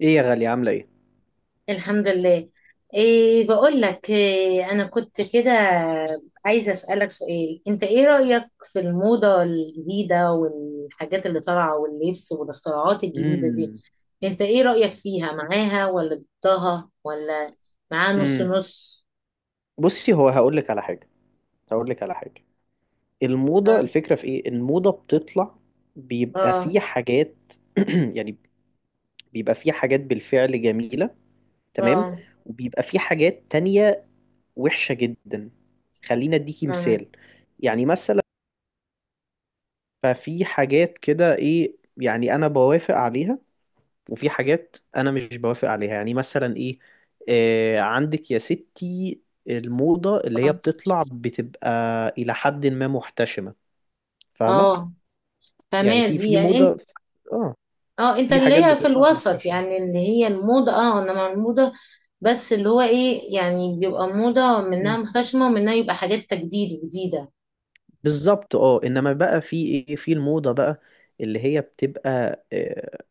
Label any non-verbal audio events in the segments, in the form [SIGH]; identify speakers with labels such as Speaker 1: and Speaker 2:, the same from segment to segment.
Speaker 1: ايه يا غالية، عاملة ايه؟
Speaker 2: الحمد لله. إيه، بقول لك إيه، أنا كنت كده عايزة أسألك سؤال. أنت إيه رأيك في الموضة الجديدة والحاجات اللي طالعة واللبس والاختراعات الجديدة دي؟
Speaker 1: امم
Speaker 2: أنت إيه رأيك فيها؟ معاها ولا ضدها ولا معاها نص
Speaker 1: امم
Speaker 2: نص؟
Speaker 1: بصي، هو هقول لك على حاجة. هقول لك على حاجة الموضة،
Speaker 2: آه.
Speaker 1: الفكرة في ايه؟ الموضة بتطلع، بيبقى في
Speaker 2: آه.
Speaker 1: حاجات. [CLEARS THROAT] يعني بيبقى في حاجات بالفعل جميلة. تمام.
Speaker 2: آه،
Speaker 1: وبيبقى في حاجات تانية وحشة جدا. خلينا اديكي
Speaker 2: فاهمة.
Speaker 1: مثال، يعني مثلا. ففي حاجات كده ايه، يعني انا بوافق عليها، وفي حاجات انا مش بوافق عليها، يعني مثلا ايه. آه، عندك يا ستي، الموضة اللي هي
Speaker 2: آه.
Speaker 1: بتطلع بتبقى الى حد ما محتشمة. فاهمة؟
Speaker 2: آه،
Speaker 1: يعني
Speaker 2: فاهمة
Speaker 1: في
Speaker 2: دي
Speaker 1: موضة.
Speaker 2: يعني
Speaker 1: اه،
Speaker 2: اه، انت
Speaker 1: في حاجات
Speaker 2: اللي هي في
Speaker 1: بتطلع
Speaker 2: الوسط،
Speaker 1: محتشمة.
Speaker 2: يعني اللي هي الموضة، اه، انا مع الموضة، بس اللي هو ايه، يعني بيبقى موضة منها
Speaker 1: مم.
Speaker 2: محتشمة ومنها يبقى حاجات تجديد وجديدة.
Speaker 1: بالظبط. اه، انما بقى في ايه في الموضة بقى، اللي هي بتبقى،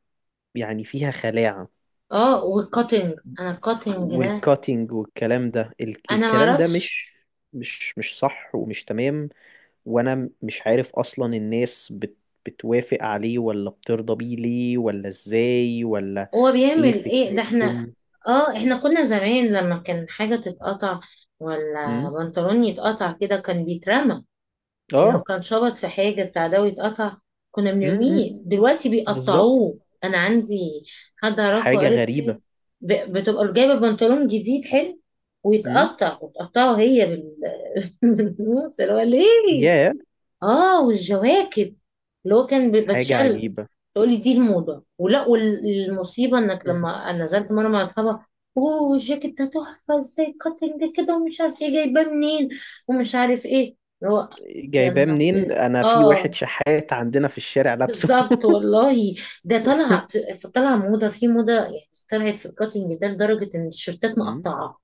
Speaker 1: يعني فيها خلاعة
Speaker 2: اه، والكاتنج، انا الكاتنج ده
Speaker 1: والكاتينج والكلام ده.
Speaker 2: انا
Speaker 1: الكلام ده
Speaker 2: معرفش
Speaker 1: مش مش صح ومش تمام. وانا مش عارف اصلا، الناس بتوافق عليه ولا بترضى بيه ليه، ولا ازاي، ولا
Speaker 2: هو
Speaker 1: ايه
Speaker 2: بيعمل ايه ده. احنا
Speaker 1: فكرتهم.
Speaker 2: اه، احنا كنا زمان لما كان حاجة تتقطع ولا
Speaker 1: امم
Speaker 2: بنطلون يتقطع كده كان بيترمى، يعني لو
Speaker 1: اه
Speaker 2: كان شبط في حاجة بتاع ده ويتقطع كنا
Speaker 1: أمم،
Speaker 2: بنرميه،
Speaker 1: أمم. إمم.
Speaker 2: دلوقتي
Speaker 1: بالظبط.
Speaker 2: بيقطعوه. أنا عندي حد أعرفه،
Speaker 1: حاجة غريبة.
Speaker 2: قريبتي، بتبقى جايبة بنطلون جديد حلو
Speaker 1: امم
Speaker 2: ويتقطع وتقطعه هي بال [LAUGHS] بالنص، اللي هو ليه؟
Speaker 1: يا،
Speaker 2: اه، والجواكت اللي هو كان
Speaker 1: حاجة
Speaker 2: بتشل،
Speaker 1: عجيبة.
Speaker 2: تقولي دي الموضة ولا؟ والمصيبة انك
Speaker 1: أمم.
Speaker 2: لما أنا نزلت مرة مع اصحابها، اوه الجاكيت ده تحفة ازاي، كاتنج كده ومش عارف ايه، جايباه منين ومش عارف ايه اللي هو. يا
Speaker 1: جايباه
Speaker 2: نهار،
Speaker 1: منين؟ انا في واحد
Speaker 2: اه،
Speaker 1: شحات عندنا في الشارع لابسه.
Speaker 2: بالظبط
Speaker 1: [LAUGHS]
Speaker 2: والله. ده طلع، طلع موضة في موضة، يعني طلعت في الكاتنج ده لدرجة ان التيشيرتات
Speaker 1: أمم.
Speaker 2: مقطعة،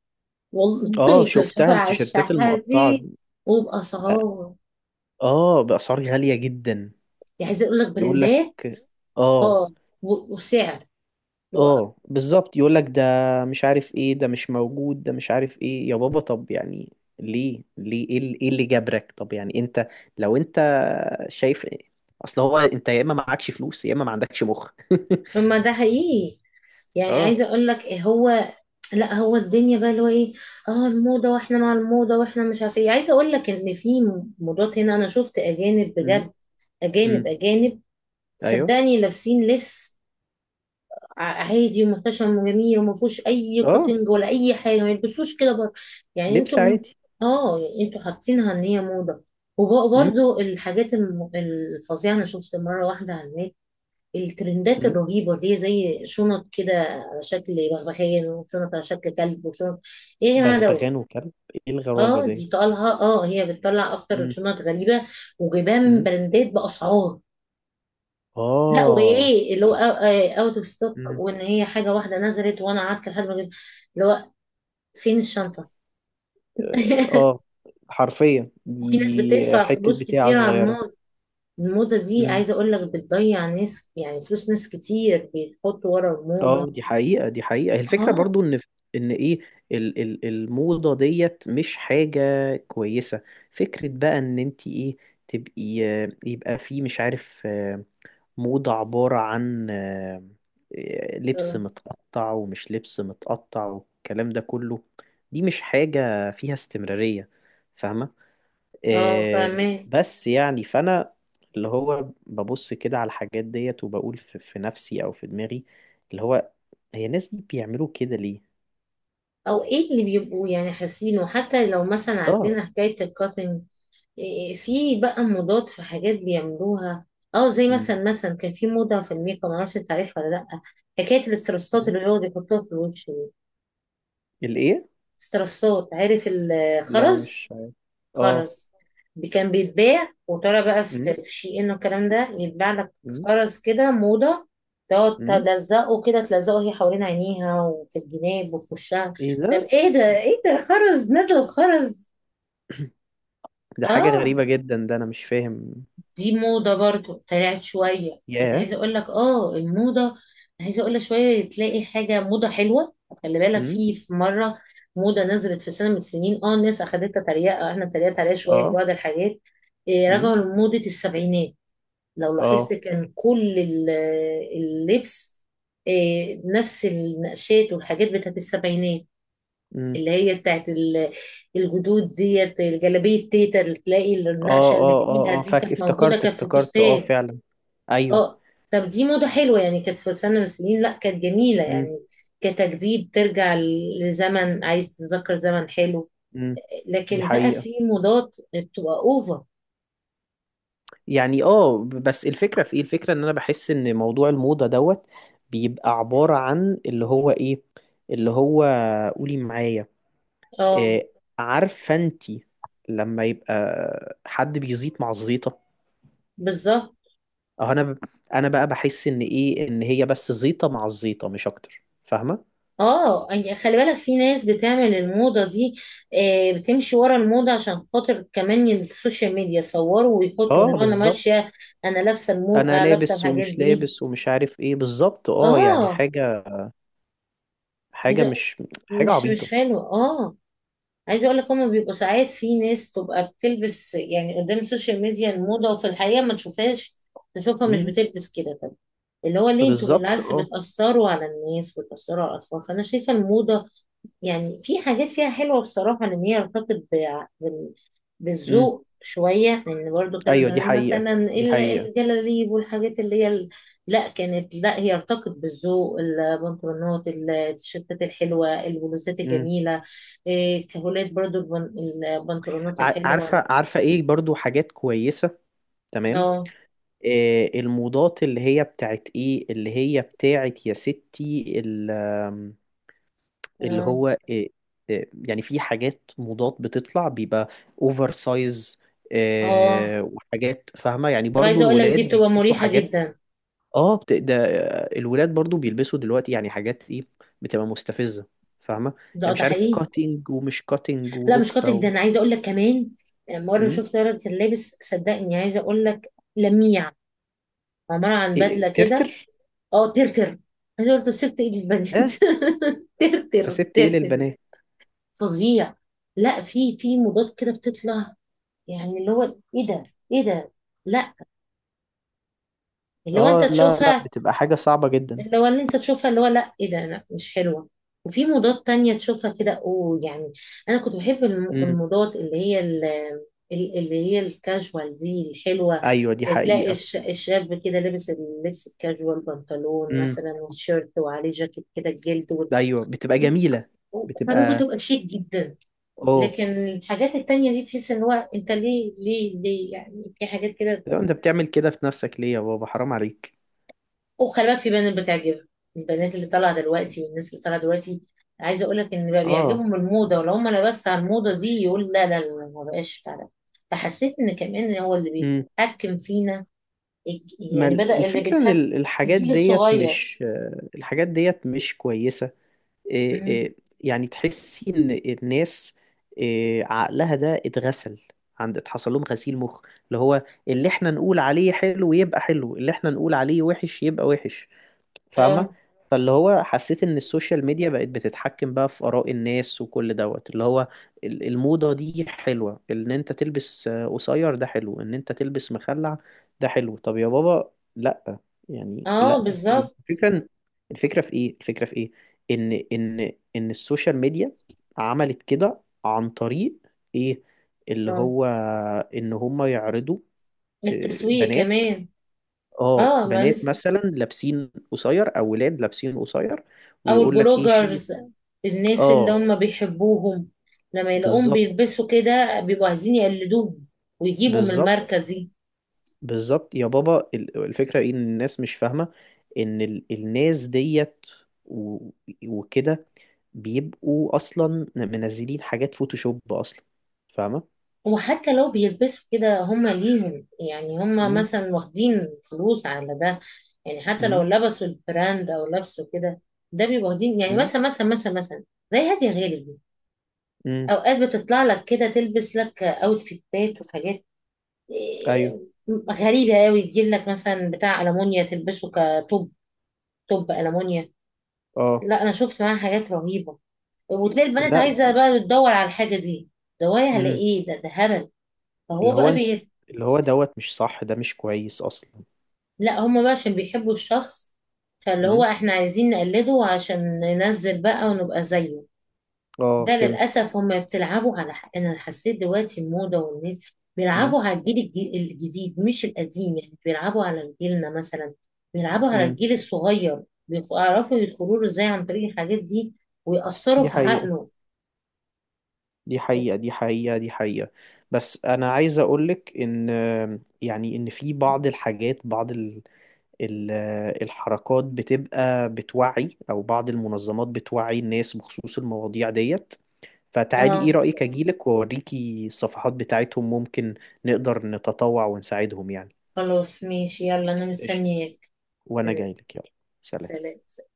Speaker 1: اه،
Speaker 2: والله [LAUGHS]
Speaker 1: شفتها
Speaker 2: بشوفها على
Speaker 1: التيشيرتات
Speaker 2: الشحات
Speaker 1: المقطعة
Speaker 2: دي.
Speaker 1: دي. بقى-
Speaker 2: وبأسعار،
Speaker 1: اه بأسعار غالية جدا.
Speaker 2: يعني عايزة اقول لك
Speaker 1: يقول لك،
Speaker 2: براندات،
Speaker 1: اه.
Speaker 2: اه، و- وسعر اللي هو-
Speaker 1: اه بالظبط، يقول لك ده مش عارف ايه، ده مش موجود، ده مش عارف ايه يا بابا. طب يعني ليه؟ ايه اللي، إيه اللي جبرك؟ طب يعني انت، لو انت شايف إيه؟ اصل هو انت يا اما معكش فلوس، يا اما ما عندكش مخ.
Speaker 2: ما ده حقيقي.
Speaker 1: [LAUGHS]
Speaker 2: يعني
Speaker 1: اه.
Speaker 2: عايزه اقول لك إيه هو، لا هو الدنيا بقى اللي هو ايه، اه، الموضه واحنا مع الموضه واحنا مش عارف ايه، عايزه اقول لك ان في موضات هنا انا شفت اجانب
Speaker 1: امم
Speaker 2: بجد، اجانب
Speaker 1: امم
Speaker 2: اجانب،
Speaker 1: ايوه.
Speaker 2: صدقني لابسين لبس عادي ومحتشم وجميل وما فيهوش اي
Speaker 1: اه،
Speaker 2: كاتنج ولا اي حاجه، ما يلبسوش كده بره. يعني
Speaker 1: لبس
Speaker 2: انتوا
Speaker 1: عادي.
Speaker 2: اه، انتوا حاطينها ان هي موضه.
Speaker 1: امم
Speaker 2: وبرضه الحاجات الفظيعه، انا شفت مره واحده على النت الترندات
Speaker 1: امم
Speaker 2: الرهيبة اللي هي زي شنط كده على شكل بغبغان، وشنط على شكل كلب، وشنط، ايه يا جماعة دوت؟
Speaker 1: بغبغان وكلب؟ ايه الغرابة
Speaker 2: اه
Speaker 1: دي؟
Speaker 2: دي طالها، اه هي بتطلع اكتر
Speaker 1: امم
Speaker 2: شنط غريبة وجبان
Speaker 1: امم
Speaker 2: براندات بأسعار. لا
Speaker 1: اه
Speaker 2: وايه اللي هو اوت اوف ستوك،
Speaker 1: امم
Speaker 2: وان هي حاجة واحدة نزلت وانا قعدت لحد ما جبت اللي هو فين الشنطة.
Speaker 1: اه
Speaker 2: [LAUGHS]
Speaker 1: آه، حرفيا
Speaker 2: وفي ناس
Speaker 1: دي
Speaker 2: بتدفع
Speaker 1: حتة
Speaker 2: فلوس
Speaker 1: بتاعة
Speaker 2: كتير على
Speaker 1: صغيرة.
Speaker 2: الموضة، الموضة دي عايزة اقول لك بتضيع ناس، يعني فلوس ناس كتير بيحطوا ورا الموضة.
Speaker 1: اه دي حقيقة، دي حقيقة. الفكرة
Speaker 2: اه.
Speaker 1: برضو ان، ان ايه، ال ال الموضة ديت مش حاجة كويسة. فكرة بقى ان انت ايه، تبقي، يبقى في مش عارف، موضة عبارة عن، لبس
Speaker 2: اه.
Speaker 1: متقطع ومش لبس متقطع والكلام ده كله. دي مش حاجة فيها استمرارية. فاهمة؟
Speaker 2: آه،
Speaker 1: آه،
Speaker 2: فاهمة.
Speaker 1: بس يعني فانا، اللي هو ببص كده على الحاجات ديت وبقول في نفسي او في دماغي، اللي هو هي الناس دي بيعملوا كده ليه؟
Speaker 2: او ايه اللي بيبقوا يعني حاسينه، حتى لو مثلا
Speaker 1: اه.
Speaker 2: عندنا حكاية الكاتنج. إيه، إيه، في بقى موضات، في حاجات بيعملوها، اه زي
Speaker 1: مم.
Speaker 2: مثلا، مثلا كان في موضة في الميك اب، معرفش انت عارفها ولا لأ. حكاية الاسترسات
Speaker 1: مم.
Speaker 2: اللي هو بيحطوها في الوش دي،
Speaker 1: الايه؟
Speaker 2: استرسات، عارف
Speaker 1: لا مش
Speaker 2: الخرز؟
Speaker 1: عارف. اه.
Speaker 2: خرز، كان بيتباع وترى بقى في
Speaker 1: مم.
Speaker 2: في شي ان والكلام ده يتباع لك،
Speaker 1: مم.
Speaker 2: خرز كده موضة، تقعد
Speaker 1: مم.
Speaker 2: تلزقه كده، تلزقه هي حوالين عينيها وفي الجناب وفي وشها.
Speaker 1: ايه
Speaker 2: طب
Speaker 1: ده؟
Speaker 2: ايه ده؟ ايه ده؟ خرز نزل خرز.
Speaker 1: [CLEARS THROAT] [COUGHS] ده حاجة
Speaker 2: اه،
Speaker 1: غريبة جدا، ده انا مش فاهم.
Speaker 2: دي موضة برضو طلعت شوية، يعني
Speaker 1: ياه.
Speaker 2: عايزة اقول لك اه الموضة، عايزة اقول لك شوية تلاقي حاجة موضة حلوة. خلي بالك
Speaker 1: مم.
Speaker 2: في مرة موضة نزلت في سنة من السنين، اه الناس اخدتها تريقة، احنا اتريقت عليها شوية في
Speaker 1: اه.
Speaker 2: بعض الحاجات. إيه،
Speaker 1: مم.
Speaker 2: رجعوا لموضة السبعينات، لو لاحظت
Speaker 1: اه.
Speaker 2: كان كل اللبس إيه، نفس النقشات والحاجات بتاعت السبعينات،
Speaker 1: مم.
Speaker 2: اللي هي بتاعت الجدود ديت، الجلابية تيتا اللي تلاقي
Speaker 1: اه،
Speaker 2: النقشة اللي
Speaker 1: اه،
Speaker 2: فيها
Speaker 1: اه، اه،
Speaker 2: دي
Speaker 1: فاك،
Speaker 2: كانت موجودة،
Speaker 1: افتكرت
Speaker 2: كانت في
Speaker 1: افتكرت، اه
Speaker 2: فستان
Speaker 1: فعلا. ايوه.
Speaker 2: اه. طب دي موضة حلوة يعني، كانت في سنة من السنين، لا كانت جميلة
Speaker 1: مم.
Speaker 2: يعني، كتجديد ترجع لزمن، عايز تتذكر زمن حلو.
Speaker 1: مم. دي
Speaker 2: لكن بقى
Speaker 1: حقيقة.
Speaker 2: في موضات بتبقى اوفر.
Speaker 1: يعني اه بس الفكرة في ايه؟ الفكرة ان انا بحس ان موضوع الموضة دوت بيبقى عبارة عن اللي هو ايه، اللي هو، قولي معايا،
Speaker 2: اه،
Speaker 1: إيه، عارفه انت، لما يبقى حد بيزيط مع الزيطه.
Speaker 2: بالظبط.
Speaker 1: اه. انا بقى بحس ان ايه، ان هي بس زيطه مع الزيطه، مش اكتر. فاهمه؟
Speaker 2: اه، يعني خلي بالك في ناس بتعمل الموضة دي آه، بتمشي ورا الموضة عشان خاطر كمان السوشيال ميديا، صوروا ويحطوا
Speaker 1: اه
Speaker 2: اللي هو انا
Speaker 1: بالظبط.
Speaker 2: ماشية، انا لابسة المو...
Speaker 1: انا
Speaker 2: آه لابسة
Speaker 1: لابس
Speaker 2: الحاجات
Speaker 1: ومش
Speaker 2: دي.
Speaker 1: لابس ومش عارف ايه بالظبط. اه يعني
Speaker 2: اه،
Speaker 1: حاجه، حاجه
Speaker 2: عايزة،
Speaker 1: مش حاجه
Speaker 2: مش مش
Speaker 1: عبيطه.
Speaker 2: حلو اه. عايزه اقول لك، هما بيبقوا ساعات في ناس تبقى بتلبس يعني قدام السوشيال ميديا الموضه، وفي الحقيقه ما تشوفهاش، نشوفها مش
Speaker 1: امم
Speaker 2: بتلبس كده. طب اللي هو ليه؟ انتوا
Speaker 1: بالظبط.
Speaker 2: بالعكس
Speaker 1: اه
Speaker 2: بتاثروا على الناس، بتاثروا على الاطفال. فانا شايفه الموضه، يعني في حاجات فيها حلوة بصراحة، لأن هي ارتبطت
Speaker 1: امم
Speaker 2: بالذوق شوية، لأن برضو كان
Speaker 1: ايوه دي
Speaker 2: زمان
Speaker 1: حقيقه،
Speaker 2: مثلا
Speaker 1: دي حقيقه.
Speaker 2: الجلاليب والحاجات اللي هي لا كانت، لا هي ارتبطت بالذوق، البنطلونات، التيشيرتات الحلوة، البلوزات
Speaker 1: امم
Speaker 2: الجميلة، إيه، كهولات برضو البنطلونات
Speaker 1: عارفه
Speaker 2: الحلوة.
Speaker 1: عارفه ايه، برضو حاجات كويسه. تمام.
Speaker 2: اه.
Speaker 1: الموضات اللي هي بتاعت ايه، اللي هي بتاعت يا ستي، ال- آم، اللي
Speaker 2: اه.
Speaker 1: هو، يعني في حاجات موضات بتطلع بيبقى اوفر سايز.
Speaker 2: اه.
Speaker 1: وحاجات، فاهمة؟ يعني
Speaker 2: طب
Speaker 1: برضو
Speaker 2: عايزة أقول لك دي
Speaker 1: الولاد
Speaker 2: بتبقى
Speaker 1: بيلبسوا
Speaker 2: مريحة
Speaker 1: حاجات،
Speaker 2: جدا.
Speaker 1: اه ده، الولاد برضو بيلبسوا دلوقتي يعني حاجات ايه، بتبقى مستفزة. فاهمة؟ يعني
Speaker 2: ده
Speaker 1: مش
Speaker 2: ده
Speaker 1: عارف،
Speaker 2: حقيقي.
Speaker 1: كاتنج ومش كاتنج
Speaker 2: لا مش
Speaker 1: وركبة
Speaker 2: قاتل
Speaker 1: و...
Speaker 2: ده، انا عايزه اقول لك كمان، لما انا
Speaker 1: مم؟
Speaker 2: شفت ولد كان لابس، صدقني عايزه اقول لك، لميع، عباره عن
Speaker 1: إيه،
Speaker 2: بدله كده.
Speaker 1: ترتر.
Speaker 2: اه، ترتر. عايزه اقول لك، سبت ايدي البنت [LAUGHS]
Speaker 1: اه. انت
Speaker 2: ترتر
Speaker 1: سبت ايه
Speaker 2: ترتر.
Speaker 1: للبنات؟
Speaker 2: فظيع. لا في في موضات كده بتطلع، يعني اللي هو ايه ده؟ ايه ده؟ لا، اللي هو انت
Speaker 1: اه لا، لا،
Speaker 2: تشوفها،
Speaker 1: بتبقى حاجة صعبة جدا.
Speaker 2: اللي هو اللي انت تشوفها، اللي هو لا ايه ده؟ لا مش حلوة. وفي موضات تانية تشوفها كده اوه يعني. انا كنت بحب الموضات اللي هي اللي هي الكاجوال دي الحلوة،
Speaker 1: ايوه دي
Speaker 2: تلاقي
Speaker 1: حقيقة.
Speaker 2: الشاب كده لابس اللبس الكاجوال، بنطلون
Speaker 1: امم
Speaker 2: مثلا وتيشيرت وعليه جاكيت كده الجلد
Speaker 1: ايوه بتبقى جميلة،
Speaker 2: حبيبه
Speaker 1: بتبقى.
Speaker 2: تبقى شيك جدا.
Speaker 1: اه.
Speaker 2: لكن الحاجات التانية دي تحس ان هو انت ليه ليه ليه، يعني في حاجات كده.
Speaker 1: لو انت بتعمل كده في نفسك ليه يا بابا؟ حرام عليك.
Speaker 2: وخلي بالك في بنات بتعجبها، البنات اللي طالعه دلوقتي والناس اللي طالعه دلوقتي، عايزه اقول لك ان بقى
Speaker 1: اه.
Speaker 2: بيعجبهم الموضه، ولو هم انا بس على الموضه دي يقول لا لا لا، ما بقاش فعلا. فحسيت ان كمان هو اللي
Speaker 1: امم
Speaker 2: بيتحكم فينا،
Speaker 1: ما
Speaker 2: يعني بدأ اللي
Speaker 1: الفكرة ان
Speaker 2: بيتحكم
Speaker 1: الحاجات
Speaker 2: الجيل
Speaker 1: ديت
Speaker 2: الصغير.
Speaker 1: مش، الحاجات ديت مش كويسة.
Speaker 2: مم.
Speaker 1: إيه يعني تحسي ان الناس، إيه عقلها ده اتغسل؟ عند اتحصل لهم غسيل مخ، اللي هو اللي احنا نقول عليه حلو يبقى حلو، اللي احنا نقول عليه وحش يبقى وحش. فاهمة؟
Speaker 2: اه.
Speaker 1: فاللي هو حسيت ان السوشيال ميديا بقت بتتحكم بقى في آراء الناس، وكل دوت اللي هو الموضة دي حلوة. ان انت تلبس، قصير ده حلو. ان انت تلبس مخلع ده حلو؟ طب يا بابا، لا، يعني
Speaker 2: اه،
Speaker 1: لا.
Speaker 2: بالظبط.
Speaker 1: والفكرة، الفكرة في ايه؟ الفكرة في ايه، ان السوشيال ميديا عملت كده عن طريق ايه، اللي
Speaker 2: اه،
Speaker 1: هو، ان هم يعرضوا،
Speaker 2: التسويق
Speaker 1: بنات.
Speaker 2: كمان.
Speaker 1: اه،
Speaker 2: اه ما
Speaker 1: بنات
Speaker 2: لسه.
Speaker 1: مثلا لابسين قصير، او ولاد لابسين قصير،
Speaker 2: او
Speaker 1: ويقول لك ايه شايف.
Speaker 2: البلوجرز، الناس اللي
Speaker 1: اه
Speaker 2: هم بيحبوهم، لما يلاقوهم
Speaker 1: بالظبط.
Speaker 2: بيلبسوا كده بيبقوا عايزين يقلدوهم، ويجيبوا من الماركة
Speaker 1: بالظبط،
Speaker 2: دي.
Speaker 1: بالظبط يا بابا. الفكره ايه، ان الناس مش فاهمه ان الناس ديت، و- وكده، بيبقوا اصلا منزلين حاجات فوتوشوب اصلا. فاهمه؟
Speaker 2: وحتى لو بيلبسوا كده هم ليهم، يعني هم
Speaker 1: امم
Speaker 2: مثلا واخدين فلوس على ده، يعني حتى لو
Speaker 1: امم
Speaker 2: لبسوا البراند او لبسوا كده، ده بيبقوا واخدين، يعني
Speaker 1: امم
Speaker 2: مثلا مثلا مثلا مثلا زي هادية غالب دي،
Speaker 1: امم
Speaker 2: اوقات بتطلع لك كده تلبس لك اوتفيتات وحاجات
Speaker 1: ايوه.
Speaker 2: إيه، غريبة قوي، تجيب لك مثلا بتاع ألمونيا تلبسه كتوب، توب ألمونيا.
Speaker 1: اه.
Speaker 2: لا انا شفت معاها حاجات رهيبة، وتلاقي البنات
Speaker 1: لا.
Speaker 2: عايزة بقى تدور على الحاجة دي. دوري على
Speaker 1: امم
Speaker 2: ايه ده؟ ده هبل. فهو
Speaker 1: اللي هو
Speaker 2: بقى
Speaker 1: انت، اللي هو دوت مش صح، ده مش كويس اصلا.
Speaker 2: لا هما بقى عشان بيحبوا الشخص، فاللي هو
Speaker 1: امم
Speaker 2: احنا عايزين نقلده عشان ننزل بقى ونبقى زيه.
Speaker 1: اه،
Speaker 2: ده
Speaker 1: فهمت.
Speaker 2: للأسف هما بتلعبوا على حق. أنا حسيت دلوقتي الموضة والناس بيلعبوا على الجيل الجديد، مش القديم، يعني بيلعبوا على جيلنا مثلا، بيلعبوا على
Speaker 1: امم
Speaker 2: الجيل الصغير، بيعرفوا يدخلوا له ازاي عن طريق الحاجات دي، ويأثروا
Speaker 1: دي
Speaker 2: في
Speaker 1: حقيقة،
Speaker 2: عقله.
Speaker 1: دي حقيقة، دي حقيقة، دي حقيقة. بس أنا عايز أقولك إن، يعني إن في بعض الحاجات، بعض ال ال الحركات بتبقى بتوعي، أو بعض المنظمات بتوعي الناس بخصوص المواضيع ديت. فتعالي إيه
Speaker 2: اه،
Speaker 1: رأيك، أجيلك وأوريكي الصفحات بتاعتهم، ممكن نقدر نتطوع ونساعدهم يعني.
Speaker 2: خلاص ماشي، يلا أنا
Speaker 1: قشطة.
Speaker 2: مستنياك.
Speaker 1: وأنا جايلك. يلا، سلام.
Speaker 2: سلام.